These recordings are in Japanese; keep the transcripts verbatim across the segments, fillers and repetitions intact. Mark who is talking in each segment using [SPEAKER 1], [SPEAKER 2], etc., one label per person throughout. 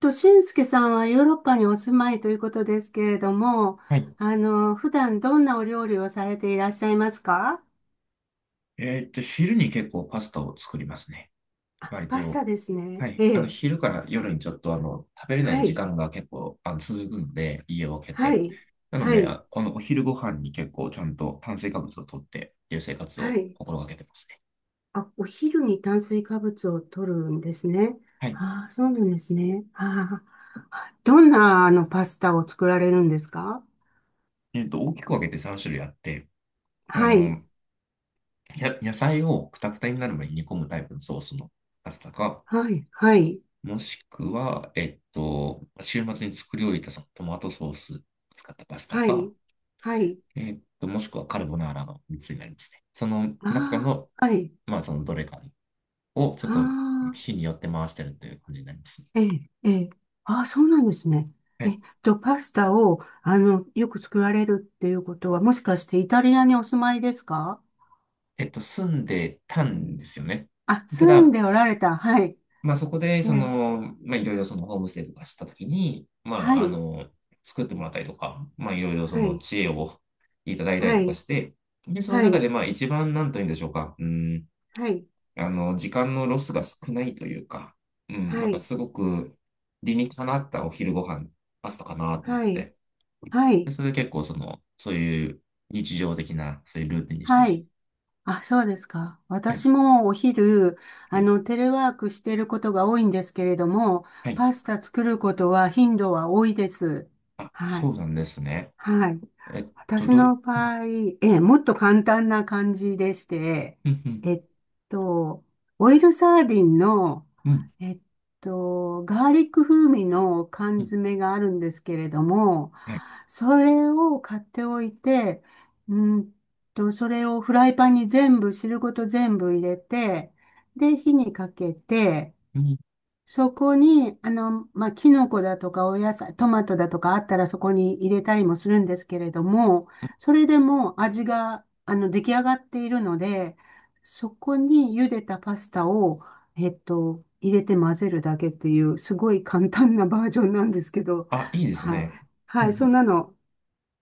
[SPEAKER 1] と、俊介さんはヨーロッパにお住まいということですけれども、
[SPEAKER 2] はい。
[SPEAKER 1] あの、普段どんなお料理をされていらっしゃいますか？
[SPEAKER 2] えーっと、昼に結構パスタを作りますね。
[SPEAKER 1] あ、
[SPEAKER 2] 割
[SPEAKER 1] パスタ
[SPEAKER 2] と。
[SPEAKER 1] ですね。
[SPEAKER 2] は
[SPEAKER 1] え
[SPEAKER 2] い。あの、
[SPEAKER 1] え。
[SPEAKER 2] 昼から夜にちょっと、あの、食べれない
[SPEAKER 1] は
[SPEAKER 2] 時
[SPEAKER 1] い。
[SPEAKER 2] 間が結構、あの、続くので、家を空け
[SPEAKER 1] は
[SPEAKER 2] て。
[SPEAKER 1] い。
[SPEAKER 2] なの
[SPEAKER 1] は
[SPEAKER 2] で、
[SPEAKER 1] い。
[SPEAKER 2] ああの、お昼ご飯に結構ちゃんと炭水化物を取ってっていう生活
[SPEAKER 1] は
[SPEAKER 2] を
[SPEAKER 1] い。
[SPEAKER 2] 心がけてますね。
[SPEAKER 1] あ、お昼に炭水化物を摂るんですね。
[SPEAKER 2] はい。
[SPEAKER 1] ああ、そうなんですね。ああ。どんな、あの、パスタを作られるんですか？
[SPEAKER 2] えーっと、大きく分けてさんしゅるい種類あって、あ
[SPEAKER 1] はい。
[SPEAKER 2] の、や、野菜をくたくたになる前に煮込むタイプのソースのパスタか、
[SPEAKER 1] はい。はい。
[SPEAKER 2] もしくは、えっと、週末に作り置いたそのトマトソース使ったパスタ
[SPEAKER 1] は
[SPEAKER 2] か、
[SPEAKER 1] い。はい。
[SPEAKER 2] えーっと、もしくはカルボナーラのみっつになりますね。その中
[SPEAKER 1] あ
[SPEAKER 2] の、
[SPEAKER 1] あ。はい。
[SPEAKER 2] まあ、そのどれかをちょっ
[SPEAKER 1] あ
[SPEAKER 2] と
[SPEAKER 1] あ。
[SPEAKER 2] 日によって回してるという感じになりますね。
[SPEAKER 1] ええ、ええ。ああ、そうなんですね。
[SPEAKER 2] は
[SPEAKER 1] え
[SPEAKER 2] い。
[SPEAKER 1] っと、パスタを、あの、よく作られるっていうことは、もしかしてイタリアにお住まいですか？
[SPEAKER 2] えっと、住んでたんですよね。
[SPEAKER 1] あ、
[SPEAKER 2] た
[SPEAKER 1] 住ん
[SPEAKER 2] だ、
[SPEAKER 1] でおられた。はい。
[SPEAKER 2] まあ、そこで、
[SPEAKER 1] え
[SPEAKER 2] そ
[SPEAKER 1] え、
[SPEAKER 2] の、まあ、いろいろそのホームステイとかしたときに、ま
[SPEAKER 1] は
[SPEAKER 2] あ、あ
[SPEAKER 1] い。
[SPEAKER 2] の、作ってもらったりとか、まあ、いろいろそ
[SPEAKER 1] は
[SPEAKER 2] の
[SPEAKER 1] い。
[SPEAKER 2] 知恵をいただいたり
[SPEAKER 1] は
[SPEAKER 2] とか
[SPEAKER 1] い。
[SPEAKER 2] して、で、その
[SPEAKER 1] は
[SPEAKER 2] 中で、
[SPEAKER 1] い。
[SPEAKER 2] まあ、一番、なんというんでしょうか、うん
[SPEAKER 1] はい。
[SPEAKER 2] あの、時間のロスが少ないというか、うん、な
[SPEAKER 1] は
[SPEAKER 2] んか
[SPEAKER 1] い。
[SPEAKER 2] すごく理にかなったお昼ご飯、パスタかなと思っ
[SPEAKER 1] はい。
[SPEAKER 2] て。
[SPEAKER 1] は
[SPEAKER 2] で、
[SPEAKER 1] い。
[SPEAKER 2] それで結構その、そういう日常的な、そういうルーティンにして
[SPEAKER 1] は
[SPEAKER 2] ます。
[SPEAKER 1] い。あ、そうですか。
[SPEAKER 2] はい、
[SPEAKER 1] 私もお昼、
[SPEAKER 2] は
[SPEAKER 1] あ
[SPEAKER 2] い、
[SPEAKER 1] の、テレワークしていることが多いんですけれども、
[SPEAKER 2] はい。
[SPEAKER 1] パスタ作ることは頻度は多いです。
[SPEAKER 2] あ、
[SPEAKER 1] は
[SPEAKER 2] そ
[SPEAKER 1] い。
[SPEAKER 2] うなんですね。
[SPEAKER 1] はい。
[SPEAKER 2] えっと、
[SPEAKER 1] 私
[SPEAKER 2] どう、
[SPEAKER 1] の
[SPEAKER 2] うん、
[SPEAKER 1] 場合、ええ、もっと簡単な感じでして、
[SPEAKER 2] うん、
[SPEAKER 1] えっと、オイルサーディンの、
[SPEAKER 2] うん、う
[SPEAKER 1] えっと、ガーリック風味の缶
[SPEAKER 2] ん、うん。
[SPEAKER 1] 詰があるんですけれども、
[SPEAKER 2] はい。
[SPEAKER 1] それを買っておいて、うんと、それをフライパンに全部、汁ごと全部入れて、で、火にかけて、
[SPEAKER 2] うん、うん。
[SPEAKER 1] そこに、あの、まあ、キノコだとかお野菜、トマトだとかあったらそこに入れたりもするんですけれども、それでも味が、あの、出来上がっているので、そこに茹でたパスタを、えっと、入れて混ぜるだけっていう、すごい簡単なバージョンなんですけど、
[SPEAKER 2] あ、いいです
[SPEAKER 1] はい。
[SPEAKER 2] ね。う
[SPEAKER 1] はい、
[SPEAKER 2] ん、
[SPEAKER 1] そんなの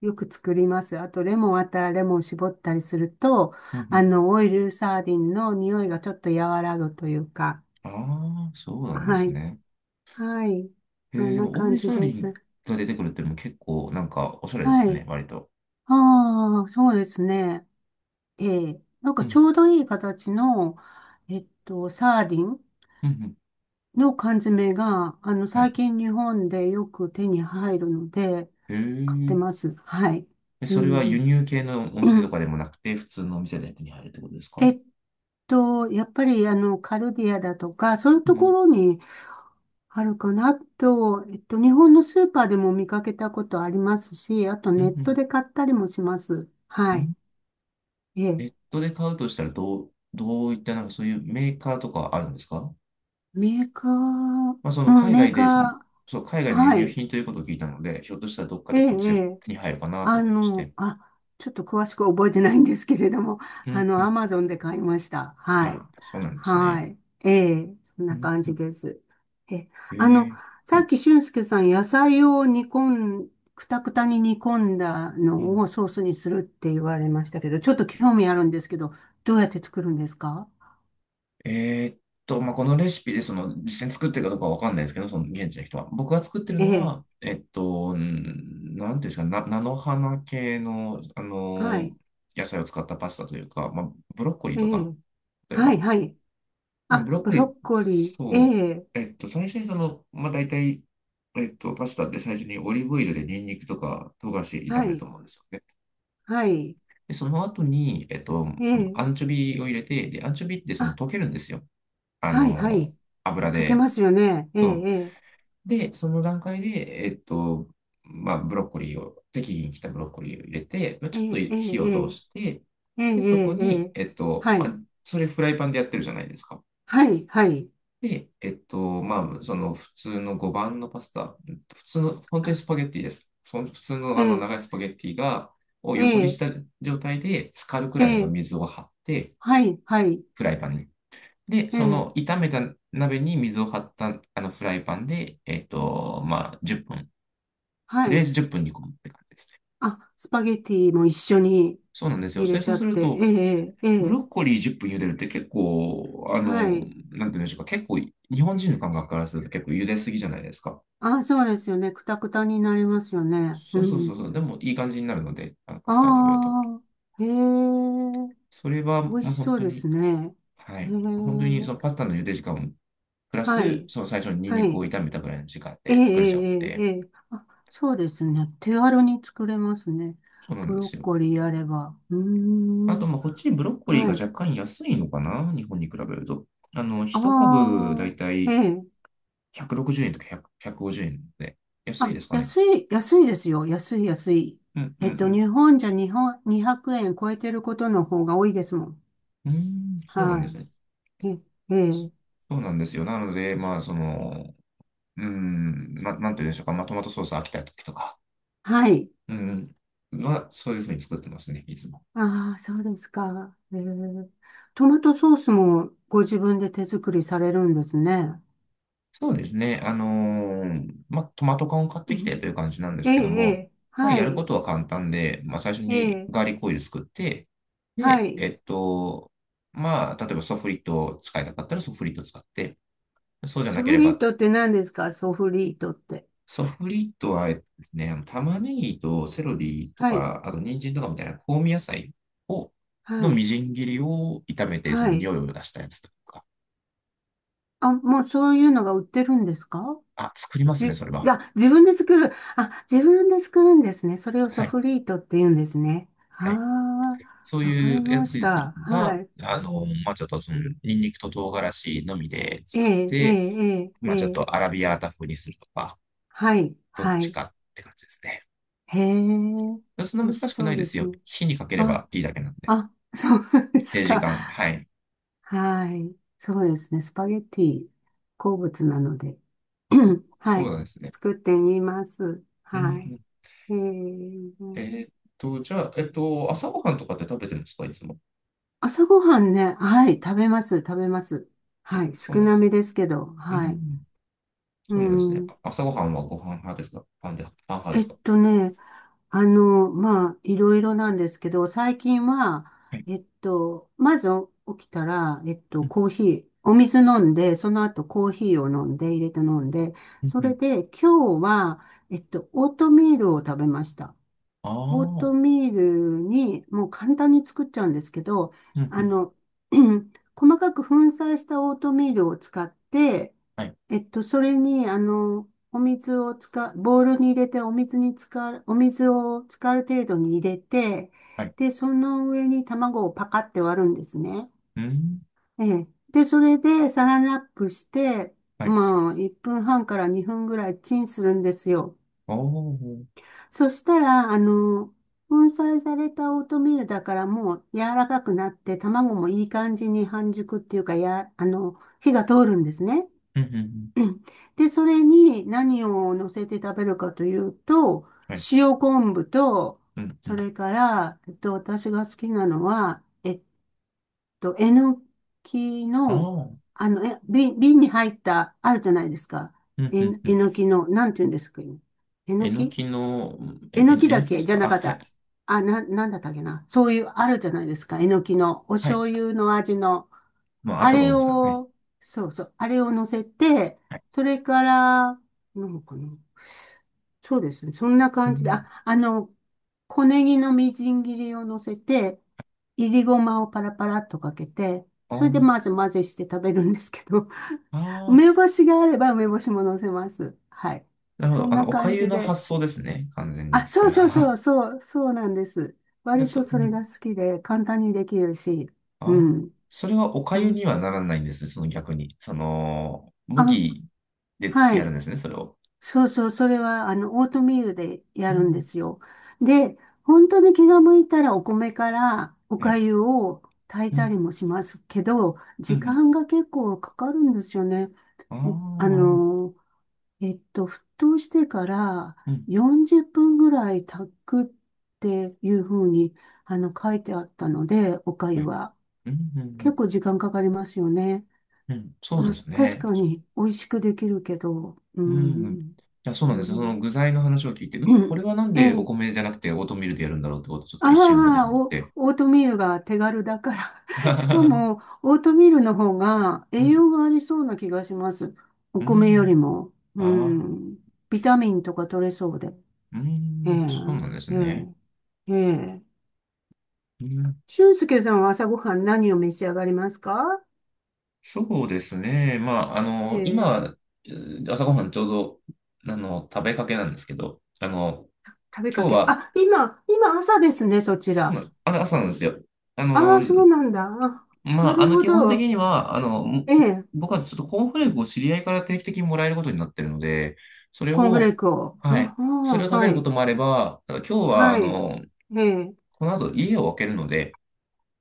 [SPEAKER 1] よく作ります。あと、レモンあったらレモン絞ったりすると、
[SPEAKER 2] うん、う
[SPEAKER 1] あ
[SPEAKER 2] ん。
[SPEAKER 1] の、オイルサーディンの匂いがちょっと和らぐというか、
[SPEAKER 2] ああー、そうなんで
[SPEAKER 1] は
[SPEAKER 2] す
[SPEAKER 1] い。
[SPEAKER 2] ね。
[SPEAKER 1] はい。
[SPEAKER 2] え
[SPEAKER 1] そ
[SPEAKER 2] ー、
[SPEAKER 1] ん
[SPEAKER 2] で
[SPEAKER 1] な
[SPEAKER 2] も、大
[SPEAKER 1] 感
[SPEAKER 2] リサ
[SPEAKER 1] じ
[SPEAKER 2] ー
[SPEAKER 1] で
[SPEAKER 2] リン
[SPEAKER 1] す。
[SPEAKER 2] が出てくるっていうのも結構、なんか、おしゃれで
[SPEAKER 1] は
[SPEAKER 2] すね、
[SPEAKER 1] い。
[SPEAKER 2] 割と。
[SPEAKER 1] ああ、そうですね。ええ。なんか
[SPEAKER 2] う
[SPEAKER 1] ち
[SPEAKER 2] ん、
[SPEAKER 1] ょうどいい形の、えっと、サーディン
[SPEAKER 2] うん、うん。
[SPEAKER 1] の缶詰が、あの、
[SPEAKER 2] はい。
[SPEAKER 1] 最近日本でよく手に入るので、
[SPEAKER 2] へ
[SPEAKER 1] 買って
[SPEAKER 2] え。
[SPEAKER 1] ます。はい。
[SPEAKER 2] え、
[SPEAKER 1] う
[SPEAKER 2] それは輸
[SPEAKER 1] ん。
[SPEAKER 2] 入系のお店とかでも なくて、普通のお店で手に入るってことですか？
[SPEAKER 1] え
[SPEAKER 2] う
[SPEAKER 1] っと、やっぱり、あの、カルディアだとか、そういう
[SPEAKER 2] ん
[SPEAKER 1] と
[SPEAKER 2] う
[SPEAKER 1] こ
[SPEAKER 2] ん。
[SPEAKER 1] ろにあるかなと、えっと、日本のスーパーでも見かけたことありますし、あと
[SPEAKER 2] う
[SPEAKER 1] ネ
[SPEAKER 2] ん
[SPEAKER 1] ッ
[SPEAKER 2] う
[SPEAKER 1] ト
[SPEAKER 2] ん。
[SPEAKER 1] で買ったりもします。はい。え
[SPEAKER 2] ネ
[SPEAKER 1] え、
[SPEAKER 2] ットで買うとしたら、どう、どういったなんかそういうメーカーとかあるんですか？
[SPEAKER 1] メーカー、
[SPEAKER 2] まあ、そ
[SPEAKER 1] う
[SPEAKER 2] の
[SPEAKER 1] ん、
[SPEAKER 2] 海
[SPEAKER 1] メー
[SPEAKER 2] 外で、その、
[SPEAKER 1] カー、
[SPEAKER 2] そう、海外の輸
[SPEAKER 1] は
[SPEAKER 2] 入
[SPEAKER 1] い、
[SPEAKER 2] 品ということを聞いたので、ひょっとしたらどっか
[SPEAKER 1] え
[SPEAKER 2] で
[SPEAKER 1] え、
[SPEAKER 2] こっち
[SPEAKER 1] え
[SPEAKER 2] で
[SPEAKER 1] え
[SPEAKER 2] 手に入るかなと
[SPEAKER 1] あ
[SPEAKER 2] 思いまし
[SPEAKER 1] の、
[SPEAKER 2] て。
[SPEAKER 1] あ、ちょっと詳しく覚えてないんですけれども、
[SPEAKER 2] う
[SPEAKER 1] あ
[SPEAKER 2] んう
[SPEAKER 1] の、ア
[SPEAKER 2] ん。
[SPEAKER 1] マゾンで買いました。はい、
[SPEAKER 2] あ、そうなんです
[SPEAKER 1] は
[SPEAKER 2] ね。
[SPEAKER 1] い、ええ、そん
[SPEAKER 2] う
[SPEAKER 1] な
[SPEAKER 2] ん
[SPEAKER 1] 感
[SPEAKER 2] う
[SPEAKER 1] じ
[SPEAKER 2] ん。
[SPEAKER 1] です。え、
[SPEAKER 2] へ
[SPEAKER 1] あの、
[SPEAKER 2] え。は
[SPEAKER 1] さっ
[SPEAKER 2] い。
[SPEAKER 1] き俊介さん、野菜を煮込ん、くたくたに煮込んだ
[SPEAKER 2] う
[SPEAKER 1] の
[SPEAKER 2] ん。
[SPEAKER 1] をソースにするって言われましたけど、ちょっと興味あるんですけど、どうやって作るんですか？
[SPEAKER 2] えーっと、まあ、このレシピで、その、実際に作ってるかどうかはわかんないですけど、その現地の人は。僕が作ってる
[SPEAKER 1] え
[SPEAKER 2] の
[SPEAKER 1] え、
[SPEAKER 2] は、えっと、んなんていうんですか、な、菜の花系の、あ
[SPEAKER 1] はい、
[SPEAKER 2] の野菜を使ったパスタというか、まあ、ブロッコリー
[SPEAKER 1] え
[SPEAKER 2] とか、
[SPEAKER 1] え、
[SPEAKER 2] 例え
[SPEAKER 1] はい、
[SPEAKER 2] ば。
[SPEAKER 1] はい。
[SPEAKER 2] でも、ブ
[SPEAKER 1] あ、
[SPEAKER 2] ロッ
[SPEAKER 1] ブ
[SPEAKER 2] コリ
[SPEAKER 1] ロ
[SPEAKER 2] ー、
[SPEAKER 1] ッコリー。え
[SPEAKER 2] そ
[SPEAKER 1] え、
[SPEAKER 2] う、えっと、最初にその、まあ、大体、えっと、パスタって最初にオリーブオイルでニンニクとか唐辛子炒
[SPEAKER 1] は
[SPEAKER 2] めると
[SPEAKER 1] い、
[SPEAKER 2] 思うんですよね。
[SPEAKER 1] はい、
[SPEAKER 2] で、その後に、えっと、
[SPEAKER 1] え
[SPEAKER 2] その
[SPEAKER 1] え、
[SPEAKER 2] アンチョビを入れて、で、アンチョビってその
[SPEAKER 1] あ、
[SPEAKER 2] 溶けるんですよ。あ
[SPEAKER 1] はい、は
[SPEAKER 2] の
[SPEAKER 1] い。
[SPEAKER 2] 油
[SPEAKER 1] 溶けま
[SPEAKER 2] で。
[SPEAKER 1] すよね。え
[SPEAKER 2] そん。
[SPEAKER 1] え、
[SPEAKER 2] で、その段階で、えっと、まあ、ブロッコリーを、適宜に来たブロッコリーを入れて、まあ、
[SPEAKER 1] え
[SPEAKER 2] ちょっと
[SPEAKER 1] え、ええ、
[SPEAKER 2] 火
[SPEAKER 1] え
[SPEAKER 2] を通
[SPEAKER 1] え、
[SPEAKER 2] して、
[SPEAKER 1] ええ、え
[SPEAKER 2] で、そこ
[SPEAKER 1] え、え
[SPEAKER 2] に、
[SPEAKER 1] え、
[SPEAKER 2] えっと、
[SPEAKER 1] は
[SPEAKER 2] ま
[SPEAKER 1] い、
[SPEAKER 2] あ、それフライパンでやってるじゃないですか。
[SPEAKER 1] はい、はい。
[SPEAKER 2] で、えっと、まあ、その普通のごばんのパスタ、普通の、本当に
[SPEAKER 1] あ、
[SPEAKER 2] スパゲッティです。その普通の
[SPEAKER 1] え
[SPEAKER 2] あの
[SPEAKER 1] え、
[SPEAKER 2] 長いスパゲッティが、を
[SPEAKER 1] え
[SPEAKER 2] 横にし
[SPEAKER 1] え、
[SPEAKER 2] た状態で、浸かるく
[SPEAKER 1] え
[SPEAKER 2] らいの
[SPEAKER 1] え、
[SPEAKER 2] 水を張って、
[SPEAKER 1] はい、はい、
[SPEAKER 2] フライパンに。で、
[SPEAKER 1] え
[SPEAKER 2] そ
[SPEAKER 1] え、
[SPEAKER 2] の炒めた鍋に水を張ったあのフライパンで、えっと、まあ、じゅっぷんと
[SPEAKER 1] は
[SPEAKER 2] りあえず
[SPEAKER 1] い。
[SPEAKER 2] じゅっぷん煮込むって感じですね。
[SPEAKER 1] あ、スパゲティも一緒に
[SPEAKER 2] そうなんですよ。
[SPEAKER 1] 入れ
[SPEAKER 2] で、
[SPEAKER 1] ち
[SPEAKER 2] そう
[SPEAKER 1] ゃ
[SPEAKER 2] す
[SPEAKER 1] っ
[SPEAKER 2] る
[SPEAKER 1] て。え
[SPEAKER 2] と、
[SPEAKER 1] え、ええ、え
[SPEAKER 2] ブロッ
[SPEAKER 1] え、
[SPEAKER 2] コリーじゅっぷん茹でるって結構、あ
[SPEAKER 1] は
[SPEAKER 2] の、なん
[SPEAKER 1] い。
[SPEAKER 2] て言うんでしょうか、結構、日本人の感覚からすると結構茹ですぎじゃないですか。
[SPEAKER 1] あ、そうですよね。くたくたになりますよね。
[SPEAKER 2] そ
[SPEAKER 1] う
[SPEAKER 2] うそうそう
[SPEAKER 1] ん。
[SPEAKER 2] そう、でもいい感じになるので、あのパ
[SPEAKER 1] あ
[SPEAKER 2] スタで食べると。
[SPEAKER 1] あ、へえ。
[SPEAKER 2] それは
[SPEAKER 1] 美味
[SPEAKER 2] もう
[SPEAKER 1] し
[SPEAKER 2] 本
[SPEAKER 1] そう
[SPEAKER 2] 当
[SPEAKER 1] で
[SPEAKER 2] に、
[SPEAKER 1] すね。
[SPEAKER 2] は
[SPEAKER 1] へ
[SPEAKER 2] い、本当に
[SPEAKER 1] え、
[SPEAKER 2] そのパスタの茹で時間をプラ
[SPEAKER 1] は
[SPEAKER 2] ス、
[SPEAKER 1] い、
[SPEAKER 2] その最初にニン
[SPEAKER 1] は
[SPEAKER 2] ニクを
[SPEAKER 1] い。
[SPEAKER 2] 炒めたぐらいの時間
[SPEAKER 1] ええ、
[SPEAKER 2] で作れちゃうの
[SPEAKER 1] ええ、
[SPEAKER 2] で、
[SPEAKER 1] ええ。あ、そうですね。手軽に作れますね。
[SPEAKER 2] そうなん
[SPEAKER 1] ブ
[SPEAKER 2] で
[SPEAKER 1] ロ
[SPEAKER 2] す
[SPEAKER 1] ッ
[SPEAKER 2] よ。
[SPEAKER 1] コリーあれば。うー
[SPEAKER 2] あと、
[SPEAKER 1] ん、
[SPEAKER 2] まあ、こっちにブロッコリー
[SPEAKER 1] は
[SPEAKER 2] が
[SPEAKER 1] い。
[SPEAKER 2] 若干安いのかな、日本に比べると。あの、ひとかぶ株だ
[SPEAKER 1] あ
[SPEAKER 2] いた
[SPEAKER 1] あ、え
[SPEAKER 2] い
[SPEAKER 1] え。
[SPEAKER 2] ひゃくろくじゅうえんとかひゃく ひゃくごじゅうえんで、安い
[SPEAKER 1] あ、
[SPEAKER 2] ですかね。
[SPEAKER 1] 安い、安いですよ。安い、安い。
[SPEAKER 2] うんう
[SPEAKER 1] えっと、
[SPEAKER 2] ん
[SPEAKER 1] 日本じゃ日本、にひゃくえん超えてることの方が多いですもん。
[SPEAKER 2] うん。うーん、そうなん
[SPEAKER 1] は
[SPEAKER 2] ですね。
[SPEAKER 1] い。え、ええ、
[SPEAKER 2] そうなんですよ。なので、まあ、その、うーん、な、なんて言うんでしょうか。まあ、トマトソース飽きた時とか、
[SPEAKER 1] はい。
[SPEAKER 2] うん、は、そういうふうに作ってますね、いつも。
[SPEAKER 1] ああ、そうですか。えー、トマトソースもご自分で手作りされるんですね。
[SPEAKER 2] そうですね。あのーまあ、トマト缶を買っ
[SPEAKER 1] う
[SPEAKER 2] てきて
[SPEAKER 1] ん、
[SPEAKER 2] という感じなんで
[SPEAKER 1] え
[SPEAKER 2] す
[SPEAKER 1] え、
[SPEAKER 2] けど
[SPEAKER 1] え
[SPEAKER 2] も、
[SPEAKER 1] え、
[SPEAKER 2] まあ、
[SPEAKER 1] は
[SPEAKER 2] やるこ
[SPEAKER 1] い、
[SPEAKER 2] とは簡単で、まあ、最初
[SPEAKER 1] え
[SPEAKER 2] に
[SPEAKER 1] え、
[SPEAKER 2] ガーリックオイル作って、
[SPEAKER 1] は
[SPEAKER 2] で、
[SPEAKER 1] い。
[SPEAKER 2] えっと、まあ、例えばソフリットを使いたかったらソフリット使って、そうじゃ
[SPEAKER 1] ソ
[SPEAKER 2] なけ
[SPEAKER 1] フ
[SPEAKER 2] れ
[SPEAKER 1] リー
[SPEAKER 2] ば
[SPEAKER 1] トって何ですか？ソフリートって。
[SPEAKER 2] ソフリットは、えっとですね、あの玉ねぎとセロリと
[SPEAKER 1] はい、
[SPEAKER 2] か、あと人参とかみたいな香味野菜を、
[SPEAKER 1] は
[SPEAKER 2] のみ
[SPEAKER 1] い、
[SPEAKER 2] じん切りを炒めて、そ
[SPEAKER 1] は
[SPEAKER 2] の
[SPEAKER 1] い。
[SPEAKER 2] 匂いを出したやつとか。
[SPEAKER 1] あ、もうそういうのが売ってるんですか？
[SPEAKER 2] あ、作ります
[SPEAKER 1] じ、
[SPEAKER 2] ね、
[SPEAKER 1] い
[SPEAKER 2] それは。
[SPEAKER 1] や、自分で作る。あ、自分で作るんですね。それをソ
[SPEAKER 2] はい。
[SPEAKER 1] フリートって言うんですね。
[SPEAKER 2] はい。
[SPEAKER 1] あ
[SPEAKER 2] そう
[SPEAKER 1] あ、わか
[SPEAKER 2] い
[SPEAKER 1] り
[SPEAKER 2] うや
[SPEAKER 1] ま
[SPEAKER 2] つ
[SPEAKER 1] し
[SPEAKER 2] にする
[SPEAKER 1] た。は
[SPEAKER 2] か、
[SPEAKER 1] い。
[SPEAKER 2] あの、まあ、ちょっとその、ニンニクと唐辛子のみで
[SPEAKER 1] え
[SPEAKER 2] 作っ
[SPEAKER 1] え、ええ、
[SPEAKER 2] て、
[SPEAKER 1] ええ、え
[SPEAKER 2] まあ、ちょっ
[SPEAKER 1] え、
[SPEAKER 2] とアラビアータ風にするとか、
[SPEAKER 1] はい、
[SPEAKER 2] どっ
[SPEAKER 1] は
[SPEAKER 2] ち
[SPEAKER 1] い。
[SPEAKER 2] かって感じですね。
[SPEAKER 1] へえ、
[SPEAKER 2] そんな
[SPEAKER 1] 美
[SPEAKER 2] 難
[SPEAKER 1] 味し
[SPEAKER 2] しく
[SPEAKER 1] そ
[SPEAKER 2] ない
[SPEAKER 1] う
[SPEAKER 2] で
[SPEAKER 1] で
[SPEAKER 2] す
[SPEAKER 1] す
[SPEAKER 2] よ。
[SPEAKER 1] ね。
[SPEAKER 2] 火にかけれ
[SPEAKER 1] あ、
[SPEAKER 2] ばいいだけなんで。
[SPEAKER 1] あ、そうです
[SPEAKER 2] で、時
[SPEAKER 1] か。
[SPEAKER 2] 間。はい。
[SPEAKER 1] はい。そうですね。スパゲッティ、好物なので。は
[SPEAKER 2] そう
[SPEAKER 1] い。
[SPEAKER 2] なんですね。
[SPEAKER 1] 作ってみます。
[SPEAKER 2] う
[SPEAKER 1] は
[SPEAKER 2] んう
[SPEAKER 1] い。
[SPEAKER 2] ん。
[SPEAKER 1] え
[SPEAKER 2] え
[SPEAKER 1] ー、
[SPEAKER 2] ーっと、じゃあ、えっと、朝ごはんとかって食べてるんですか、いつも？
[SPEAKER 1] 朝ごはんね、はい、食べます、食べます。は
[SPEAKER 2] あ、
[SPEAKER 1] い、
[SPEAKER 2] そう
[SPEAKER 1] 少
[SPEAKER 2] なんで
[SPEAKER 1] な
[SPEAKER 2] す
[SPEAKER 1] めですけど、
[SPEAKER 2] ね。う
[SPEAKER 1] はい。
[SPEAKER 2] ん、
[SPEAKER 1] う
[SPEAKER 2] そうなんですね。
[SPEAKER 1] ん。
[SPEAKER 2] あ、朝ごはんはご飯派ですか？パンで、パン派で
[SPEAKER 1] え
[SPEAKER 2] す
[SPEAKER 1] っ
[SPEAKER 2] か？
[SPEAKER 1] とね、あの、まあ、いろいろなんですけど、最近は、
[SPEAKER 2] はい。
[SPEAKER 1] えっと、まず起きたら、えっ
[SPEAKER 2] う
[SPEAKER 1] と、
[SPEAKER 2] ん
[SPEAKER 1] コーヒー、お水飲んで、その後コーヒーを飲んで、入れて飲んで、
[SPEAKER 2] うん
[SPEAKER 1] そ
[SPEAKER 2] う
[SPEAKER 1] れ
[SPEAKER 2] ん。
[SPEAKER 1] で今日は、えっと、オートミールを食べました。オート
[SPEAKER 2] ああ。
[SPEAKER 1] ミールに、もう簡単に作っちゃうんですけど、
[SPEAKER 2] うんう
[SPEAKER 1] あ
[SPEAKER 2] ん。
[SPEAKER 1] の、細かく粉砕したオートミールを使って、
[SPEAKER 2] はい
[SPEAKER 1] えっと、それに、あの、お水を使う、ボウルに入れて、お水に使う、お水を使う程度に入れて、
[SPEAKER 2] はい。
[SPEAKER 1] で、その上に卵をパカって割るんですね。
[SPEAKER 2] うん。
[SPEAKER 1] ええ。で、それでサランラップして、
[SPEAKER 2] はい。
[SPEAKER 1] まあ、いっぷんはんからにふんぐらいチンするんですよ。
[SPEAKER 2] おお。
[SPEAKER 1] そしたら、あの、粉砕されたオートミールだからもう柔らかくなって、卵もいい感じに半熟っていうか、や、あの、火が通るんですね。
[SPEAKER 2] うんうんうん。
[SPEAKER 1] うん、で、それに何を乗せて食べるかというと、
[SPEAKER 2] はい。
[SPEAKER 1] 塩昆布と、
[SPEAKER 2] うんう
[SPEAKER 1] そ
[SPEAKER 2] ん。あ
[SPEAKER 1] れから、えっと、私が好きなのは、えっと、えのき
[SPEAKER 2] あ。
[SPEAKER 1] の、
[SPEAKER 2] うん
[SPEAKER 1] あの、え、瓶、瓶に入った、あるじゃないですか。
[SPEAKER 2] うん
[SPEAKER 1] え、
[SPEAKER 2] う
[SPEAKER 1] え
[SPEAKER 2] ん。
[SPEAKER 1] のきの、なんて言うんですかね。えの
[SPEAKER 2] えの
[SPEAKER 1] き、
[SPEAKER 2] きの、うん。え、
[SPEAKER 1] えの
[SPEAKER 2] え
[SPEAKER 1] き
[SPEAKER 2] え
[SPEAKER 1] だ
[SPEAKER 2] の
[SPEAKER 1] っ
[SPEAKER 2] きで
[SPEAKER 1] け、
[SPEAKER 2] す
[SPEAKER 1] じゃ
[SPEAKER 2] か？
[SPEAKER 1] な
[SPEAKER 2] あ、
[SPEAKER 1] かっ
[SPEAKER 2] はい。
[SPEAKER 1] た。あ、な、なんだったっけな。そういう、あるじゃないですか。えのきの、お
[SPEAKER 2] はい。
[SPEAKER 1] 醤油の味の。
[SPEAKER 2] まあ、あっ
[SPEAKER 1] あ
[SPEAKER 2] たと思
[SPEAKER 1] れ
[SPEAKER 2] います。はい。
[SPEAKER 1] を、そうそう、あれを乗せて、
[SPEAKER 2] はい。
[SPEAKER 1] それから、なんかな。そうですね。そんな
[SPEAKER 2] う
[SPEAKER 1] 感じで、あ、
[SPEAKER 2] ん、
[SPEAKER 1] あの、小ネギのみじん切りを乗せて、いりごまをパラパラっとかけて、それで
[SPEAKER 2] あ
[SPEAKER 1] まず混ぜして食べるんですけど、
[SPEAKER 2] あ。
[SPEAKER 1] 梅干
[SPEAKER 2] ああ。
[SPEAKER 1] しがあれば梅干しも乗せます。はい。
[SPEAKER 2] なるほ
[SPEAKER 1] そん
[SPEAKER 2] ど。あ
[SPEAKER 1] な
[SPEAKER 2] の、おか
[SPEAKER 1] 感
[SPEAKER 2] ゆ
[SPEAKER 1] じ
[SPEAKER 2] の
[SPEAKER 1] で。
[SPEAKER 2] 発想ですね。完全
[SPEAKER 1] あ、
[SPEAKER 2] に。そ
[SPEAKER 1] そう
[SPEAKER 2] れ
[SPEAKER 1] そうそ
[SPEAKER 2] は。
[SPEAKER 1] う、そう、そうなんです。
[SPEAKER 2] で、
[SPEAKER 1] 割
[SPEAKER 2] そ、
[SPEAKER 1] と
[SPEAKER 2] う
[SPEAKER 1] それ
[SPEAKER 2] ん。
[SPEAKER 1] が好きで、簡単にできるし、
[SPEAKER 2] あ
[SPEAKER 1] う
[SPEAKER 2] あ、
[SPEAKER 1] ん。
[SPEAKER 2] それはお
[SPEAKER 1] う
[SPEAKER 2] 粥に
[SPEAKER 1] ん、
[SPEAKER 2] はならないんですね、その逆に。その、
[SPEAKER 1] あ、
[SPEAKER 2] 麦でつ
[SPEAKER 1] は
[SPEAKER 2] やるん
[SPEAKER 1] い。
[SPEAKER 2] ですね、それを。
[SPEAKER 1] そうそう、それは、あの、オートミールで
[SPEAKER 2] う
[SPEAKER 1] やるんで
[SPEAKER 2] ん、
[SPEAKER 1] すよ。で、本当に気が向いたらお米からお
[SPEAKER 2] はい。
[SPEAKER 1] 粥を炊い
[SPEAKER 2] う
[SPEAKER 1] た
[SPEAKER 2] ん、
[SPEAKER 1] りもしますけど、
[SPEAKER 2] うん、う
[SPEAKER 1] 時
[SPEAKER 2] ん。
[SPEAKER 1] 間が結構かかるんですよね。
[SPEAKER 2] あ
[SPEAKER 1] お
[SPEAKER 2] あ、
[SPEAKER 1] あ
[SPEAKER 2] なるほど。
[SPEAKER 1] の、えっと、沸騰してから
[SPEAKER 2] うん、
[SPEAKER 1] よんじゅっぷんぐらい炊くっていうふうに、あの、書いてあったので、お粥
[SPEAKER 2] はい。
[SPEAKER 1] は。
[SPEAKER 2] うん、うん、う
[SPEAKER 1] 結
[SPEAKER 2] ん。
[SPEAKER 1] 構時間かかりますよね。
[SPEAKER 2] うん、そう
[SPEAKER 1] ま
[SPEAKER 2] で
[SPEAKER 1] あ、
[SPEAKER 2] す
[SPEAKER 1] 確
[SPEAKER 2] ね。
[SPEAKER 1] か
[SPEAKER 2] 確か
[SPEAKER 1] に美味しくできるけど、う
[SPEAKER 2] に。うん。うん。
[SPEAKER 1] ん、
[SPEAKER 2] いや、そうな
[SPEAKER 1] う
[SPEAKER 2] んですよ。そ
[SPEAKER 1] ん、
[SPEAKER 2] の具材の話を聞いて、うん、これはなん
[SPEAKER 1] え
[SPEAKER 2] でお
[SPEAKER 1] え、
[SPEAKER 2] 米じゃなくてオートミールでやるんだろうってことをちょっと一瞬思って
[SPEAKER 1] あ
[SPEAKER 2] し
[SPEAKER 1] あ、
[SPEAKER 2] まっ
[SPEAKER 1] お、
[SPEAKER 2] て。
[SPEAKER 1] オートミールが手軽だから。しか も、オートミールの方が
[SPEAKER 2] う
[SPEAKER 1] 栄
[SPEAKER 2] ん、
[SPEAKER 1] 養がありそうな気がします。お
[SPEAKER 2] う
[SPEAKER 1] 米よ
[SPEAKER 2] ん。
[SPEAKER 1] りも。う
[SPEAKER 2] ああ、
[SPEAKER 1] ん、ビタミンとか取れそうで。
[SPEAKER 2] う
[SPEAKER 1] ええ、
[SPEAKER 2] ん、そうなんです
[SPEAKER 1] え
[SPEAKER 2] ね。
[SPEAKER 1] え、ええ。
[SPEAKER 2] うん、
[SPEAKER 1] 俊介さんは朝ごはん何を召し上がりますか？
[SPEAKER 2] そうですね。まあ、あ
[SPEAKER 1] え
[SPEAKER 2] の、
[SPEAKER 1] え、
[SPEAKER 2] 今、えー朝ごはんちょうど、あの、食べかけなんですけど、あの、
[SPEAKER 1] 食べ
[SPEAKER 2] 今
[SPEAKER 1] か
[SPEAKER 2] 日
[SPEAKER 1] け。
[SPEAKER 2] は、
[SPEAKER 1] あ、今、今朝ですね、そち
[SPEAKER 2] そう
[SPEAKER 1] ら。
[SPEAKER 2] なの、あの朝なんですよ。あ
[SPEAKER 1] あ
[SPEAKER 2] の、
[SPEAKER 1] あ、そうなんだ。あ、
[SPEAKER 2] ま
[SPEAKER 1] な
[SPEAKER 2] あ、あ
[SPEAKER 1] る
[SPEAKER 2] の、
[SPEAKER 1] ほ
[SPEAKER 2] 基本的
[SPEAKER 1] ど。
[SPEAKER 2] には、あの、も
[SPEAKER 1] ええ、
[SPEAKER 2] 僕はちょっとコーンフレークを知り合いから定期的にもらえることになってるので、それ
[SPEAKER 1] コーンフレー
[SPEAKER 2] を、
[SPEAKER 1] クを。あ、
[SPEAKER 2] はい、
[SPEAKER 1] あ
[SPEAKER 2] それを
[SPEAKER 1] あ、
[SPEAKER 2] 食べ
[SPEAKER 1] は
[SPEAKER 2] るこ
[SPEAKER 1] い、
[SPEAKER 2] ともあれば、ただ今日は、あ
[SPEAKER 1] はい。
[SPEAKER 2] の、
[SPEAKER 1] ええ、
[SPEAKER 2] この後家を空けるので、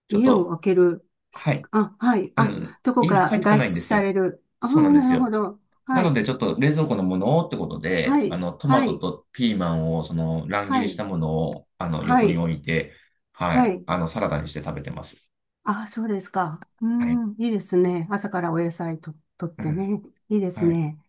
[SPEAKER 2] ちょっ
[SPEAKER 1] 家を
[SPEAKER 2] と、
[SPEAKER 1] 開ける。
[SPEAKER 2] はい、
[SPEAKER 1] あ、はい。あ、どこ
[SPEAKER 2] 家に帰
[SPEAKER 1] か
[SPEAKER 2] ってこ
[SPEAKER 1] 外
[SPEAKER 2] ないんで
[SPEAKER 1] 出
[SPEAKER 2] す
[SPEAKER 1] さ
[SPEAKER 2] よ。
[SPEAKER 1] れる。ああ、
[SPEAKER 2] そうなんで
[SPEAKER 1] な
[SPEAKER 2] す
[SPEAKER 1] るほ
[SPEAKER 2] よ。
[SPEAKER 1] ど。
[SPEAKER 2] な
[SPEAKER 1] は
[SPEAKER 2] の
[SPEAKER 1] い、
[SPEAKER 2] で、ちょっと冷蔵庫のものをってことで、
[SPEAKER 1] は
[SPEAKER 2] あ
[SPEAKER 1] い、
[SPEAKER 2] の、トマ
[SPEAKER 1] は
[SPEAKER 2] ト
[SPEAKER 1] い、
[SPEAKER 2] とピーマンを、その、乱切
[SPEAKER 1] は
[SPEAKER 2] りし
[SPEAKER 1] い、
[SPEAKER 2] たものを、あの、
[SPEAKER 1] は
[SPEAKER 2] 横に
[SPEAKER 1] い、
[SPEAKER 2] 置いて、は
[SPEAKER 1] は
[SPEAKER 2] い、
[SPEAKER 1] い。
[SPEAKER 2] あの、サラダにして食べてます。
[SPEAKER 1] あ、そうですか。う
[SPEAKER 2] はい。
[SPEAKER 1] ん、いいですね。朝からお野菜と、とっ
[SPEAKER 2] う
[SPEAKER 1] て
[SPEAKER 2] ん。
[SPEAKER 1] ね。いいです
[SPEAKER 2] はい。
[SPEAKER 1] ね。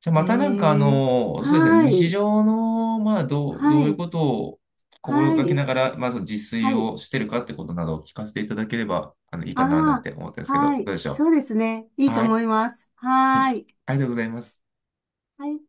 [SPEAKER 2] じゃあ、またなんか、あ
[SPEAKER 1] へえ。
[SPEAKER 2] の、そうですね、
[SPEAKER 1] は
[SPEAKER 2] 日
[SPEAKER 1] い。
[SPEAKER 2] 常の、まあ、どう、ど
[SPEAKER 1] は
[SPEAKER 2] ういう
[SPEAKER 1] い。
[SPEAKER 2] ことを心
[SPEAKER 1] は
[SPEAKER 2] がけ
[SPEAKER 1] い。
[SPEAKER 2] ながら、まず自炊
[SPEAKER 1] はい。
[SPEAKER 2] をしてるかってことなどを聞かせていただければ、あの、いいかな、なん
[SPEAKER 1] あ
[SPEAKER 2] て思ったんです
[SPEAKER 1] あ、
[SPEAKER 2] けど、ど
[SPEAKER 1] は
[SPEAKER 2] う
[SPEAKER 1] い。
[SPEAKER 2] でしょ
[SPEAKER 1] そうですね。い
[SPEAKER 2] う。
[SPEAKER 1] いと
[SPEAKER 2] はい。
[SPEAKER 1] 思います。
[SPEAKER 2] はい。
[SPEAKER 1] はーい。
[SPEAKER 2] ありがとうございます。
[SPEAKER 1] はい。